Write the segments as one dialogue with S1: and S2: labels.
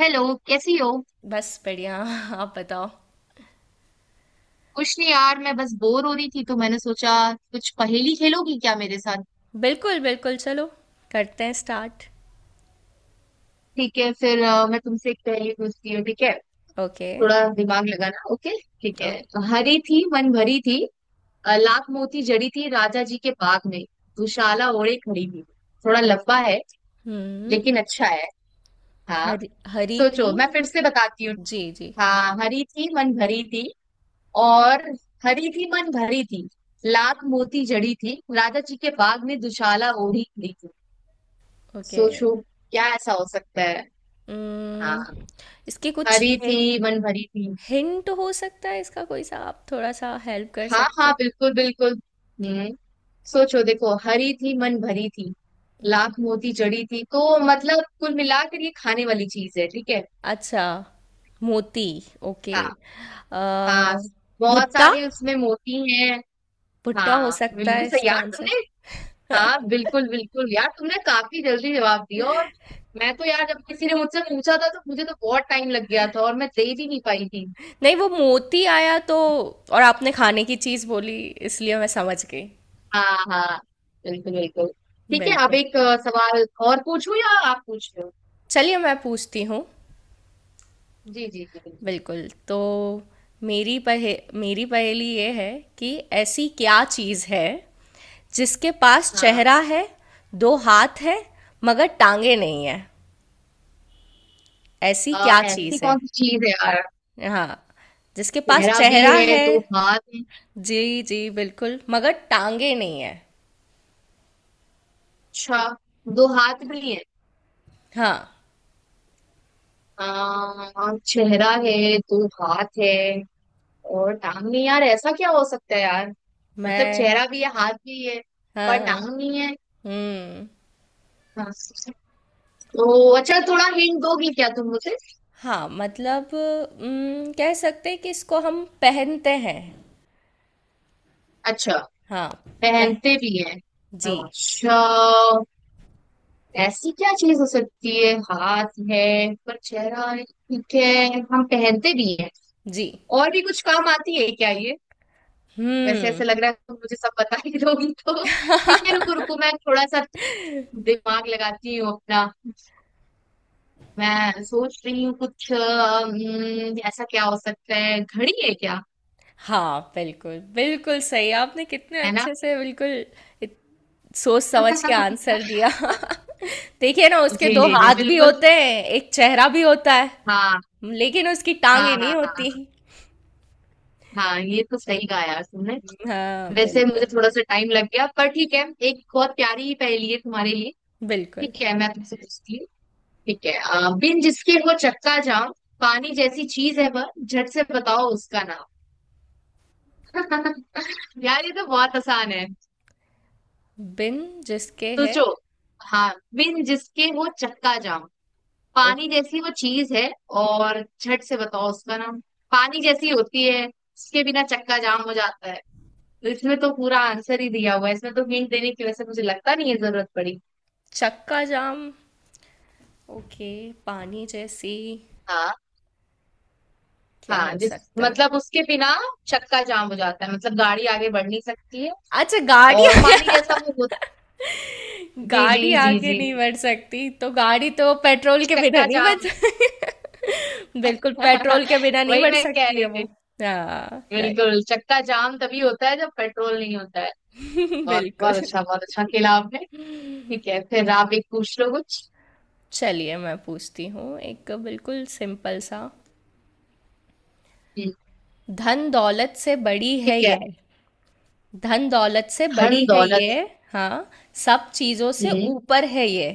S1: Hello. कैसी हो?
S2: बस बढ़िया आप बताओ।
S1: कुछ नहीं यार, मैं बस बोर हो रही थी तो मैंने सोचा कुछ पहेली खेलोगी क्या मेरे साथ।
S2: बिल्कुल बिल्कुल, चलो करते हैं स्टार्ट।
S1: ठीक है फिर मैं तुमसे एक पहेली पूछती हूँ। ठीक है,
S2: ओके।
S1: थोड़ा दिमाग लगाना। ओके, ठीक है।
S2: ओके।
S1: हरी थी मन भरी थी, लाख मोती जड़ी थी राजा जी के बाग में दुशाला ओढ़े खड़ी थी। थोड़ा लंबा है
S2: हम्म।
S1: लेकिन अच्छा है। हाँ,
S2: हरी हरी थी।
S1: सोचो, मैं फिर से बताती हूँ।
S2: जी जी।
S1: हाँ, हरी थी मन भरी थी, और हरी थी मन भरी थी, लाख मोती जड़ी थी राजा जी के बाग में दुशाला ओढ़ी खड़ी थी।
S2: ओके।
S1: सोचो, क्या ऐसा हो सकता है। हाँ,
S2: हम्म। इसके कुछ
S1: हरी
S2: हि,
S1: थी मन भरी थी।
S2: हिंट हो सकता है इसका? कोई सा आप थोड़ा सा हेल्प कर
S1: हाँ
S2: सकते
S1: हाँ,
S2: हैं?
S1: बिल्कुल बिल्कुल। हम्म, सोचो देखो, हरी थी मन भरी थी, लाख मोती जड़ी थी, तो मतलब कुल मिलाकर ये खाने वाली चीज है, ठीक है।
S2: अच्छा, मोती। ओके।
S1: हाँ।
S2: अ,
S1: हाँ, बहुत
S2: भुट्टा।
S1: सारे उसमें मोती हैं।
S2: भुट्टा हो
S1: हाँ
S2: सकता
S1: बिल्कुल
S2: है
S1: सही
S2: इसका
S1: यार तुमने।
S2: आंसर?
S1: हाँ बिल्कुल बिल्कुल यार, तुमने काफी जल्दी जवाब दिया। और मैं तो यार, जब किसी ने मुझसे पूछा था तो मुझे तो बहुत टाइम लग गया था, और मैं दे भी नहीं पाई थी।
S2: नहीं, वो मोती आया तो और आपने खाने की चीज बोली, इसलिए मैं समझ गई।
S1: हाँ हाँ, बिल्कुल बिल्कुल। ठीक है, अब
S2: बिल्कुल।
S1: एक सवाल और पूछूं या आप पूछ रहे हो?
S2: चलिए मैं पूछती हूँ।
S1: जी जी जी बिल्कुल।
S2: बिल्कुल। तो मेरी पहेली ये है कि ऐसी क्या चीज़ है जिसके पास
S1: हाँ,
S2: चेहरा है, 2 हाथ हैं, मगर टाँगें नहीं हैं? ऐसी क्या
S1: ऐसी
S2: चीज़ है?
S1: कौन सी चीज है यार।
S2: हाँ, जिसके पास
S1: चेहरा भी
S2: चेहरा
S1: है,
S2: है।
S1: दो हाथ है।
S2: जी, जी, बिल्कुल, मगर टाँगें नहीं हैं।
S1: अच्छा, दो हाथ भी है।
S2: हाँ,
S1: चेहरा है, दो हाथ है, और टांग नहीं। यार ऐसा क्या हो सकता है यार। मतलब
S2: मैं।
S1: चेहरा भी है, हाथ भी है, पर
S2: हाँ, हाँ।
S1: टांग नहीं है।
S2: हुँ।
S1: हाँ। तो अच्छा थोड़ा हिंट दोगी क्या तुम मुझे।
S2: हाँ, मतलब कह सकते हैं कि इसको हम पहनते हैं।
S1: अच्छा,
S2: हाँ। पह,
S1: पहनते भी है।
S2: जी।
S1: अच्छा, ऐसी क्या चीज हो सकती है, हाथ है पर चेहरा है, ठीक है, हम पहनते भी हैं।
S2: जी।
S1: और भी कुछ काम आती है क्या ये? वैसे
S2: हम्म।
S1: ऐसे लग रहा है तुम मुझे सब बता ही दोगी तो। ठीक है, रुको रुको, मैं थोड़ा सा दिमाग लगाती हूँ अपना। मैं सोच रही हूँ कुछ, ऐसा क्या हो सकता है, घड़ी है क्या?
S2: हाँ बिल्कुल बिल्कुल सही आपने, कितने
S1: है ना?
S2: अच्छे से बिल्कुल इत, सोच समझ के आंसर दिया। देखिए ना, उसके
S1: जी
S2: दो
S1: जी जी
S2: हाथ भी
S1: बिल्कुल।
S2: होते हैं, एक चेहरा भी होता है,
S1: हाँ
S2: लेकिन उसकी
S1: हाँ
S2: टांगे
S1: हाँ।
S2: नहीं
S1: हाँ
S2: होती।
S1: हाँ, ये तो सही कहा यार तुमने।
S2: हाँ
S1: वैसे
S2: बिल्कुल
S1: मुझे थोड़ा सा टाइम लग गया, पर ठीक है, एक बहुत प्यारी पहेली है तुम्हारे लिए।
S2: बिल्कुल।
S1: ठीक है, मैं तुमसे पूछती हूँ, ठीक है। बिन जिसके वो चक्का जाम, पानी जैसी चीज है वह, झट से बताओ उसका नाम। यार ये तो बहुत आसान है।
S2: बिन जिसके है।
S1: सोचो। हाँ, बिन जिसके वो चक्का जाम,
S2: ओ,
S1: पानी जैसी वो चीज है, और झट से बताओ उसका नाम। पानी जैसी होती है, उसके बिना चक्का जाम हो जाता है, तो इसमें तो पूरा आंसर ही दिया हुआ है इसमें, तो हिंट देने की वजह से मुझे लगता नहीं है जरूरत पड़ी।
S2: चक्का जाम। ओके। पानी जैसी,
S1: हाँ।
S2: क्या
S1: हाँ,
S2: हो
S1: जिस
S2: सकता है?
S1: मतलब उसके बिना चक्का जाम हो जाता है, मतलब गाड़ी आगे बढ़ नहीं सकती है।
S2: अच्छा, गाड़ी
S1: और पानी जैसा वो होता है। जी
S2: गाड़ी
S1: जी जी
S2: आगे
S1: जी।
S2: नहीं बढ़ सकती, तो गाड़ी तो पेट्रोल के बिना
S1: चक्का
S2: नहीं बढ़
S1: जाम।
S2: सकती। बिल्कुल, पेट्रोल के बिना नहीं
S1: वही
S2: बढ़
S1: मैं कह
S2: सकती
S1: रही
S2: है वो।
S1: थी।
S2: हाँ, राइट।
S1: बिल्कुल, चक्का जाम तभी होता है जब पेट्रोल नहीं होता है। बहुत
S2: बिल्कुल।
S1: बहुत अच्छा, बहुत अच्छा खेला आपने। ठीक है, फिर आप एक पूछ लो कुछ।
S2: चलिए मैं पूछती हूँ एक बिल्कुल सिंपल सा।
S1: हम्म,
S2: धन दौलत से बड़ी है
S1: ठीक है।
S2: ये। धन दौलत से
S1: धन
S2: बड़ी है ये।
S1: दौलत।
S2: हाँ। सब चीजों से
S1: हम्म,
S2: ऊपर है ये।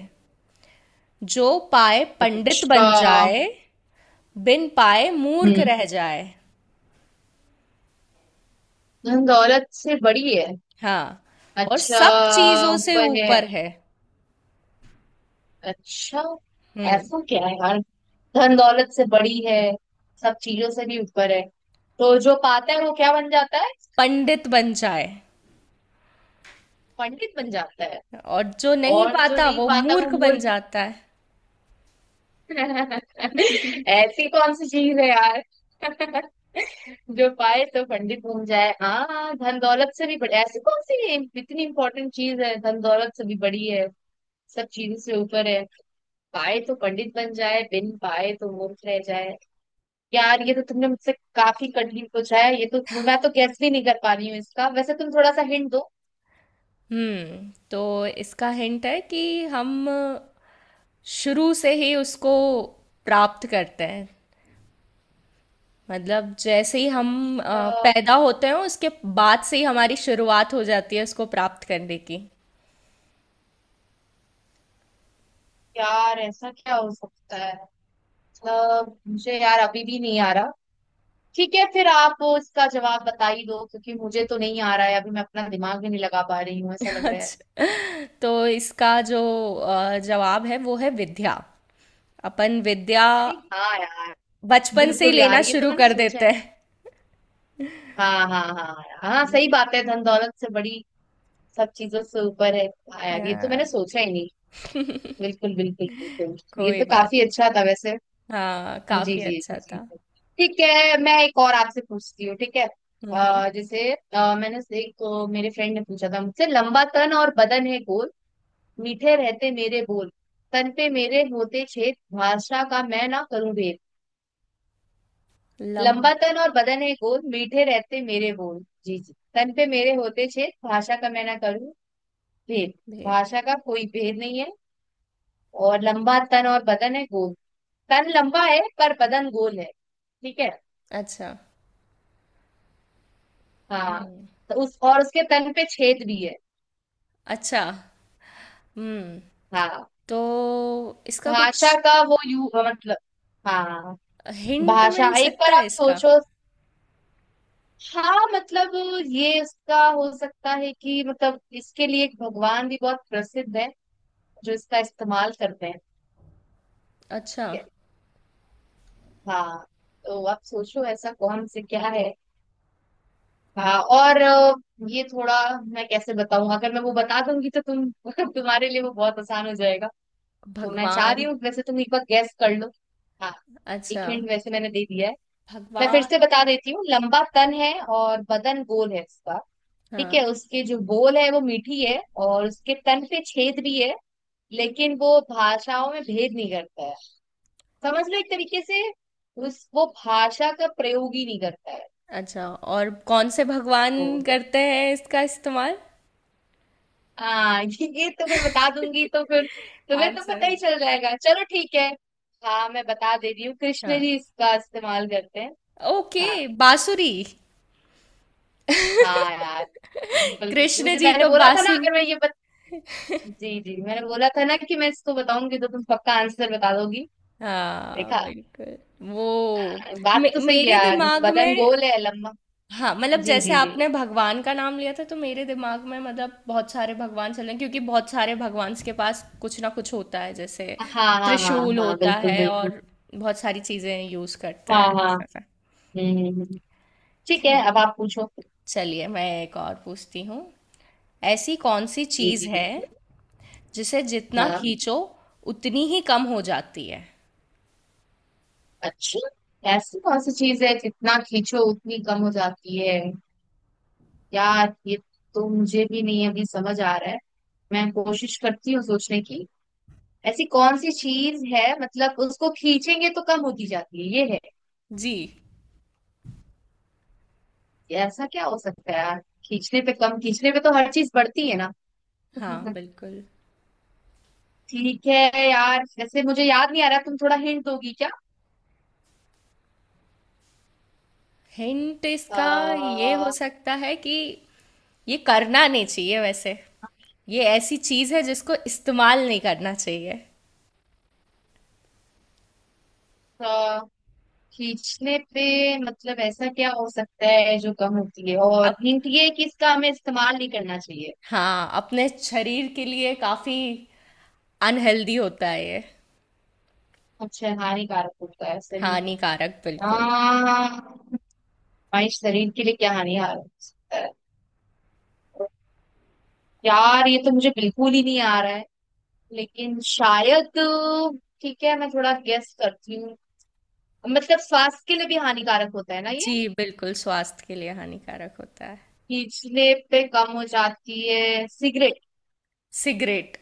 S2: जो पाए पंडित
S1: अच्छा।
S2: बन जाए, बिन पाए मूर्ख
S1: हम्म,
S2: रह जाए।
S1: धन दौलत से बड़ी है।
S2: हाँ। और
S1: अच्छा,
S2: सब चीजों से
S1: ऊपर है।
S2: ऊपर है।
S1: अच्छा,
S2: हम्म।
S1: ऐसा क्या है यार, धन दौलत से बड़ी है, सब चीजों से भी ऊपर है, तो जो पाता है वो क्या बन जाता है?
S2: पंडित बन जाए।
S1: पंडित बन जाता है।
S2: और जो नहीं
S1: और जो
S2: पाता
S1: नहीं
S2: वो
S1: पाता वो
S2: मूर्ख बन
S1: मूर्ख।
S2: जाता है।
S1: ऐसी कौन सी चीज है यार? जो पाए तो पंडित बन जाए, हाँ, धन दौलत से भी बड़ी ऐसी कौन सी इतनी इंपॉर्टेंट चीज है, धन दौलत से भी बड़ी है, सब चीजों से ऊपर है, पाए तो पंडित बन जाए, बिन पाए तो मूर्ख रह जाए। यार ये तो तुमने मुझसे काफी कठिन पूछा है, ये तो मैं तो गैस भी नहीं कर पा रही हूँ इसका। वैसे तुम थोड़ा सा हिंट दो।
S2: हम्म। तो इसका हिंट है कि हम शुरू से ही उसको प्राप्त करते हैं। मतलब जैसे ही हम
S1: अच्छा।
S2: पैदा होते हैं, उसके बाद से ही हमारी शुरुआत हो जाती है उसको प्राप्त करने की।
S1: यार ऐसा क्या हो सकता है, मतलब मुझे यार अभी भी नहीं आ रहा। ठीक है, फिर आप इसका जवाब बता ही दो, क्योंकि मुझे तो नहीं आ रहा है अभी, मैं अपना दिमाग भी नहीं लगा पा रही हूँ ऐसा लग रहा है।
S2: अच्छा। तो इसका जो जवाब है, वो है विद्या। अपन विद्या
S1: अरे हाँ यार,
S2: बचपन से ही
S1: बिल्कुल
S2: लेना
S1: यार, ये तो
S2: शुरू
S1: मैंने
S2: कर
S1: सोचा है।
S2: देते हैं।
S1: हाँ हाँ हाँ यार, हाँ, सही बात है, धन दौलत से बड़ी, सब चीजों से ऊपर है। हाँ यार, ये तो मैंने
S2: हाँ।
S1: सोचा ही नहीं। बिल्कुल बिल्कुल। बिल्कुल, ये
S2: कोई
S1: तो
S2: बात
S1: काफी
S2: नहीं।
S1: अच्छा था वैसे।
S2: हाँ,
S1: जी
S2: काफी
S1: जी जी
S2: अच्छा
S1: जी।
S2: था।
S1: ठीक है, मैं एक और आपसे पूछती हूँ, ठीक है।
S2: हम्म।
S1: जैसे एक मेरे फ्रेंड ने पूछा था मुझसे, लंबा तन और बदन है गोल, मीठे रहते मेरे बोल, तन पे मेरे होते छेद, भाषा का मैं ना करूं भेद।
S2: लंबे।
S1: लंबा तन और बदन है गोल, मीठे रहते मेरे बोल, जी जी, तन पे मेरे होते छेद, भाषा का मैं ना करूं भेद। भाषा का कोई भेद नहीं है, और लंबा तन और बदन है गोल, तन लंबा है पर बदन गोल है, ठीक है।
S2: अच्छा।
S1: हाँ।
S2: हम्म।
S1: तो उस, और उसके तन पे छेद भी है।
S2: अच्छा। हम्म।
S1: हाँ।
S2: तो इसका कुछ
S1: भाषा का वो यू मतलब। हाँ।
S2: हिंट
S1: भाषा,
S2: मिल
S1: एक
S2: सकता
S1: बार
S2: है
S1: आप
S2: इसका?
S1: सोचो। हाँ मतलब ये इसका हो सकता है कि, मतलब इसके लिए एक भगवान भी बहुत प्रसिद्ध है जो इसका इस्तेमाल करते हैं,
S2: अच्छा,
S1: ठीक है। हाँ, तो आप सोचो ऐसा कौन से क्या है। हाँ और ये थोड़ा, मैं कैसे बताऊं, अगर मैं वो बता दूंगी तो तुम तुम्हारे लिए वो बहुत आसान हो जाएगा। तो मैं चाह रही
S2: भगवान।
S1: हूँ वैसे तुम एक बार गैस कर लो। हाँ। एक
S2: अच्छा,
S1: हिंट वैसे मैंने दे दिया है। मैं फिर
S2: भगवान।
S1: से बता देती हूँ, लंबा तन है और बदन गोल है इसका, ठीक
S2: हाँ।
S1: है, उसके जो बोल है वो मीठी है, और उसके तन पे छेद भी है, लेकिन वो भाषाओं में भेद नहीं करता है, समझ लो एक तरीके से उस वो भाषा का प्रयोग ही नहीं करता है।
S2: अच्छा। और कौन से भगवान
S1: तो
S2: करते हैं इसका इस्तेमाल?
S1: हाँ, ये तो मैं बता दूंगी तो फिर तुम्हें तो पता
S2: आंसर।
S1: ही चल जाएगा, चलो ठीक है। हाँ, मैं बता दे रही हूँ, कृष्ण
S2: हाँ।
S1: जी इसका इस्तेमाल करते हैं। हाँ।
S2: ओके। बांसुरी।
S1: हाँ यार बिल्कुल।
S2: कृष्ण
S1: मुझे
S2: जी
S1: मैंने
S2: तो
S1: बोला था ना,
S2: बांसुरी।
S1: अगर मैं ये जी जी मैंने बोला था ना कि मैं इसको बताऊंगी तो तुम पक्का आंसर बता दोगी।
S2: हाँ
S1: देखा,
S2: बिल्कुल। वो
S1: बात तो सही है
S2: मेरे
S1: यार,
S2: दिमाग
S1: बदन
S2: में।
S1: गोल है, लंबा।
S2: हाँ, मतलब
S1: जी
S2: जैसे
S1: जी जी।
S2: आपने भगवान का नाम लिया था, तो मेरे दिमाग में मतलब बहुत सारे भगवान चल रहे हैं, क्योंकि बहुत सारे भगवान के पास कुछ ना कुछ होता है, जैसे
S1: हाँ हाँ हाँ।
S2: त्रिशूल
S1: हाँ
S2: होता
S1: बिल्कुल
S2: है,
S1: बिल्कुल।
S2: और बहुत सारी चीजें यूज करते
S1: हाँ
S2: हैं।
S1: हाँ। हम्म हम्म, हम्म। ठीक है,
S2: खैर,
S1: अब आप पूछो।
S2: चलिए मैं एक और पूछती हूँ। ऐसी कौन सी
S1: जी
S2: चीज
S1: जी
S2: है
S1: बिल्कुल।
S2: जिसे जितना
S1: हाँ।
S2: खींचो उतनी ही कम हो जाती है?
S1: अच्छा, ऐसी कौन सी चीज है जितना खींचो उतनी कम हो जाती है। यार ये तो मुझे भी नहीं अभी समझ आ रहा है, मैं कोशिश करती हूँ सोचने की। ऐसी कौन सी चीज है मतलब, उसको खींचेंगे तो कम होती जाती है ये है।
S2: जी।
S1: ऐसा क्या हो सकता है यार, खींचने पे कम, खींचने पे तो हर चीज बढ़ती है ना।
S2: हाँ बिल्कुल।
S1: ठीक है यार, वैसे मुझे याद नहीं आ रहा, तुम थोड़ा हिंट दोगी क्या।
S2: हिंट इसका ये हो
S1: आ,
S2: सकता है कि ये करना नहीं चाहिए। वैसे ये ऐसी चीज है जिसको इस्तेमाल नहीं करना चाहिए।
S1: खींचने पे मतलब ऐसा क्या हो सकता है जो कम होती है, और
S2: अप,
S1: हिंट ये है कि इसका हमें इस्तेमाल नहीं करना चाहिए।
S2: हाँ, अपने शरीर के लिए काफी अनहेल्दी होता है ये।
S1: अच्छा, हानिकारक होता है शरीर को।
S2: हानिकारक, बिल्कुल।
S1: हमारे शरीर के लिए क्या हानिकारक हो सकता है? यार ये तो मुझे बिल्कुल ही नहीं आ रहा है, लेकिन शायद, ठीक है मैं थोड़ा गेस करती हूँ, मतलब स्वास्थ्य के लिए भी हानिकारक होता है ना ये,
S2: जी बिल्कुल, स्वास्थ्य के लिए हानिकारक होता है।
S1: पिछले पे कम हो जाती है, सिगरेट।
S2: सिगरेट।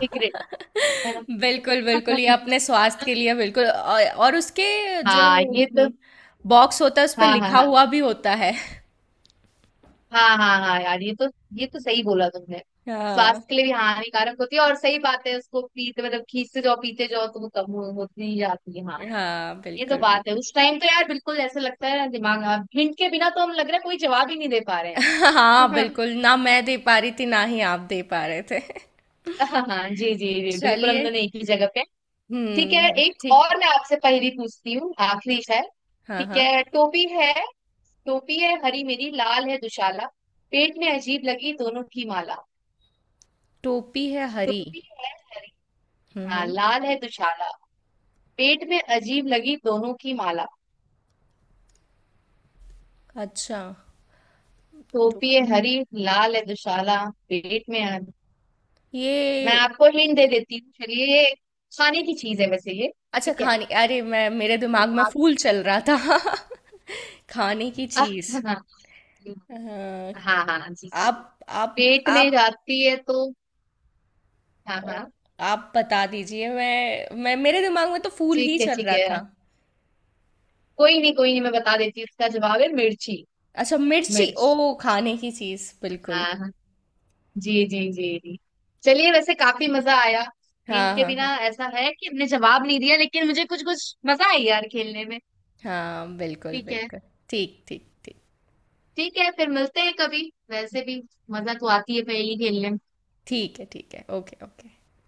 S1: सिगरेट। है ना?
S2: बिल्कुल बिल्कुल, ये अपने स्वास्थ्य के लिए बिल्कुल, और उसके जो
S1: हाँ ये तो।
S2: हम्म, बॉक्स होता है, उस पर
S1: हाँ हाँ
S2: लिखा
S1: हाँ।
S2: हुआ भी होता है।
S1: हाँ हाँ हाँ यार, ये तो, ये तो सही बोला तुमने।
S2: हाँ
S1: स्वास्थ्य के लिए भी हानिकारक होती है, और सही बात है, उसको पीते मतलब खींचते जाओ पीते जाओ तो वो होती ही जाती है। हाँ यार,
S2: हाँ
S1: ये तो
S2: बिल्कुल
S1: बात है,
S2: बिल्कुल।
S1: उस टाइम तो यार बिल्कुल ऐसा लगता है ना, दिमाग हिंट के बिना तो, हम लग रहा है कोई जवाब ही नहीं दे पा रहे
S2: हाँ,
S1: हैं।
S2: बिल्कुल। ना मैं दे पा रही थी, ना ही आप दे पा रहे थे।
S1: हाँ हाँ जी जी जी बिल्कुल, हम
S2: चलिए।
S1: दोनों एक ही जगह पे हैं। ठीक है,
S2: हुँ,
S1: एक
S2: ठीक।
S1: और मैं आपसे पहेली पूछती हूँ, आखिरी है।
S2: हाँ,
S1: ठीक
S2: हाँ।
S1: है, टोपी है, टोपी है हरी मेरी, लाल है दुशाला, पेट में अजीब लगी दोनों की माला।
S2: टोपी है हरी।
S1: टोपी है हरी।
S2: हुँ,
S1: हाँ,
S2: हुँ।
S1: लाल है दुशाला, पेट में अजीब लगी दोनों की माला।
S2: अच्छा,
S1: टोपी है
S2: टोपी।
S1: हरी, लाल है दुशाला, पेट में अ-
S2: ये,
S1: मैं आपको हिंट दे देती हूँ, चलिए ये खाने की चीज है वैसे ये।
S2: अच्छा
S1: ठीक है,
S2: खाने, अरे मैं मेरे दिमाग में
S1: आप।
S2: फूल चल रहा था। खाने की
S1: हाँ
S2: चीज़। हाँ,
S1: हाँ हाँ जी जी,
S2: आप आप
S1: पेट में
S2: आप
S1: जाती है तो। हाँ
S2: अ,
S1: हाँ।
S2: आप बता दीजिए, मैं मेरे दिमाग में तो फूल ही
S1: ठीक है
S2: चल
S1: ठीक
S2: रहा
S1: है,
S2: था।
S1: कोई नहीं कोई नहीं, मैं बता देती हूँ, इसका जवाब है मिर्ची।
S2: अच्छा, मिर्ची।
S1: मिर्च।
S2: ओह! खाने की चीज़, बिल्कुल।
S1: हाँ हाँ, जी जी जी जी। चलिए, वैसे काफी मजा आया, हिंट
S2: हाँ,
S1: के
S2: हाँ, हाँ।
S1: बिना ऐसा है कि हमने जवाब नहीं दिया, लेकिन मुझे कुछ कुछ मजा आई यार खेलने में।
S2: हाँ बिल्कुल
S1: ठीक है
S2: बिल्कुल। ठीक ठीक ठीक।
S1: ठीक है। फिर मिलते हैं कभी, वैसे भी मजा तो आती है पहेली खेलने में।
S2: ठीक है ठीक है, ओके ओके।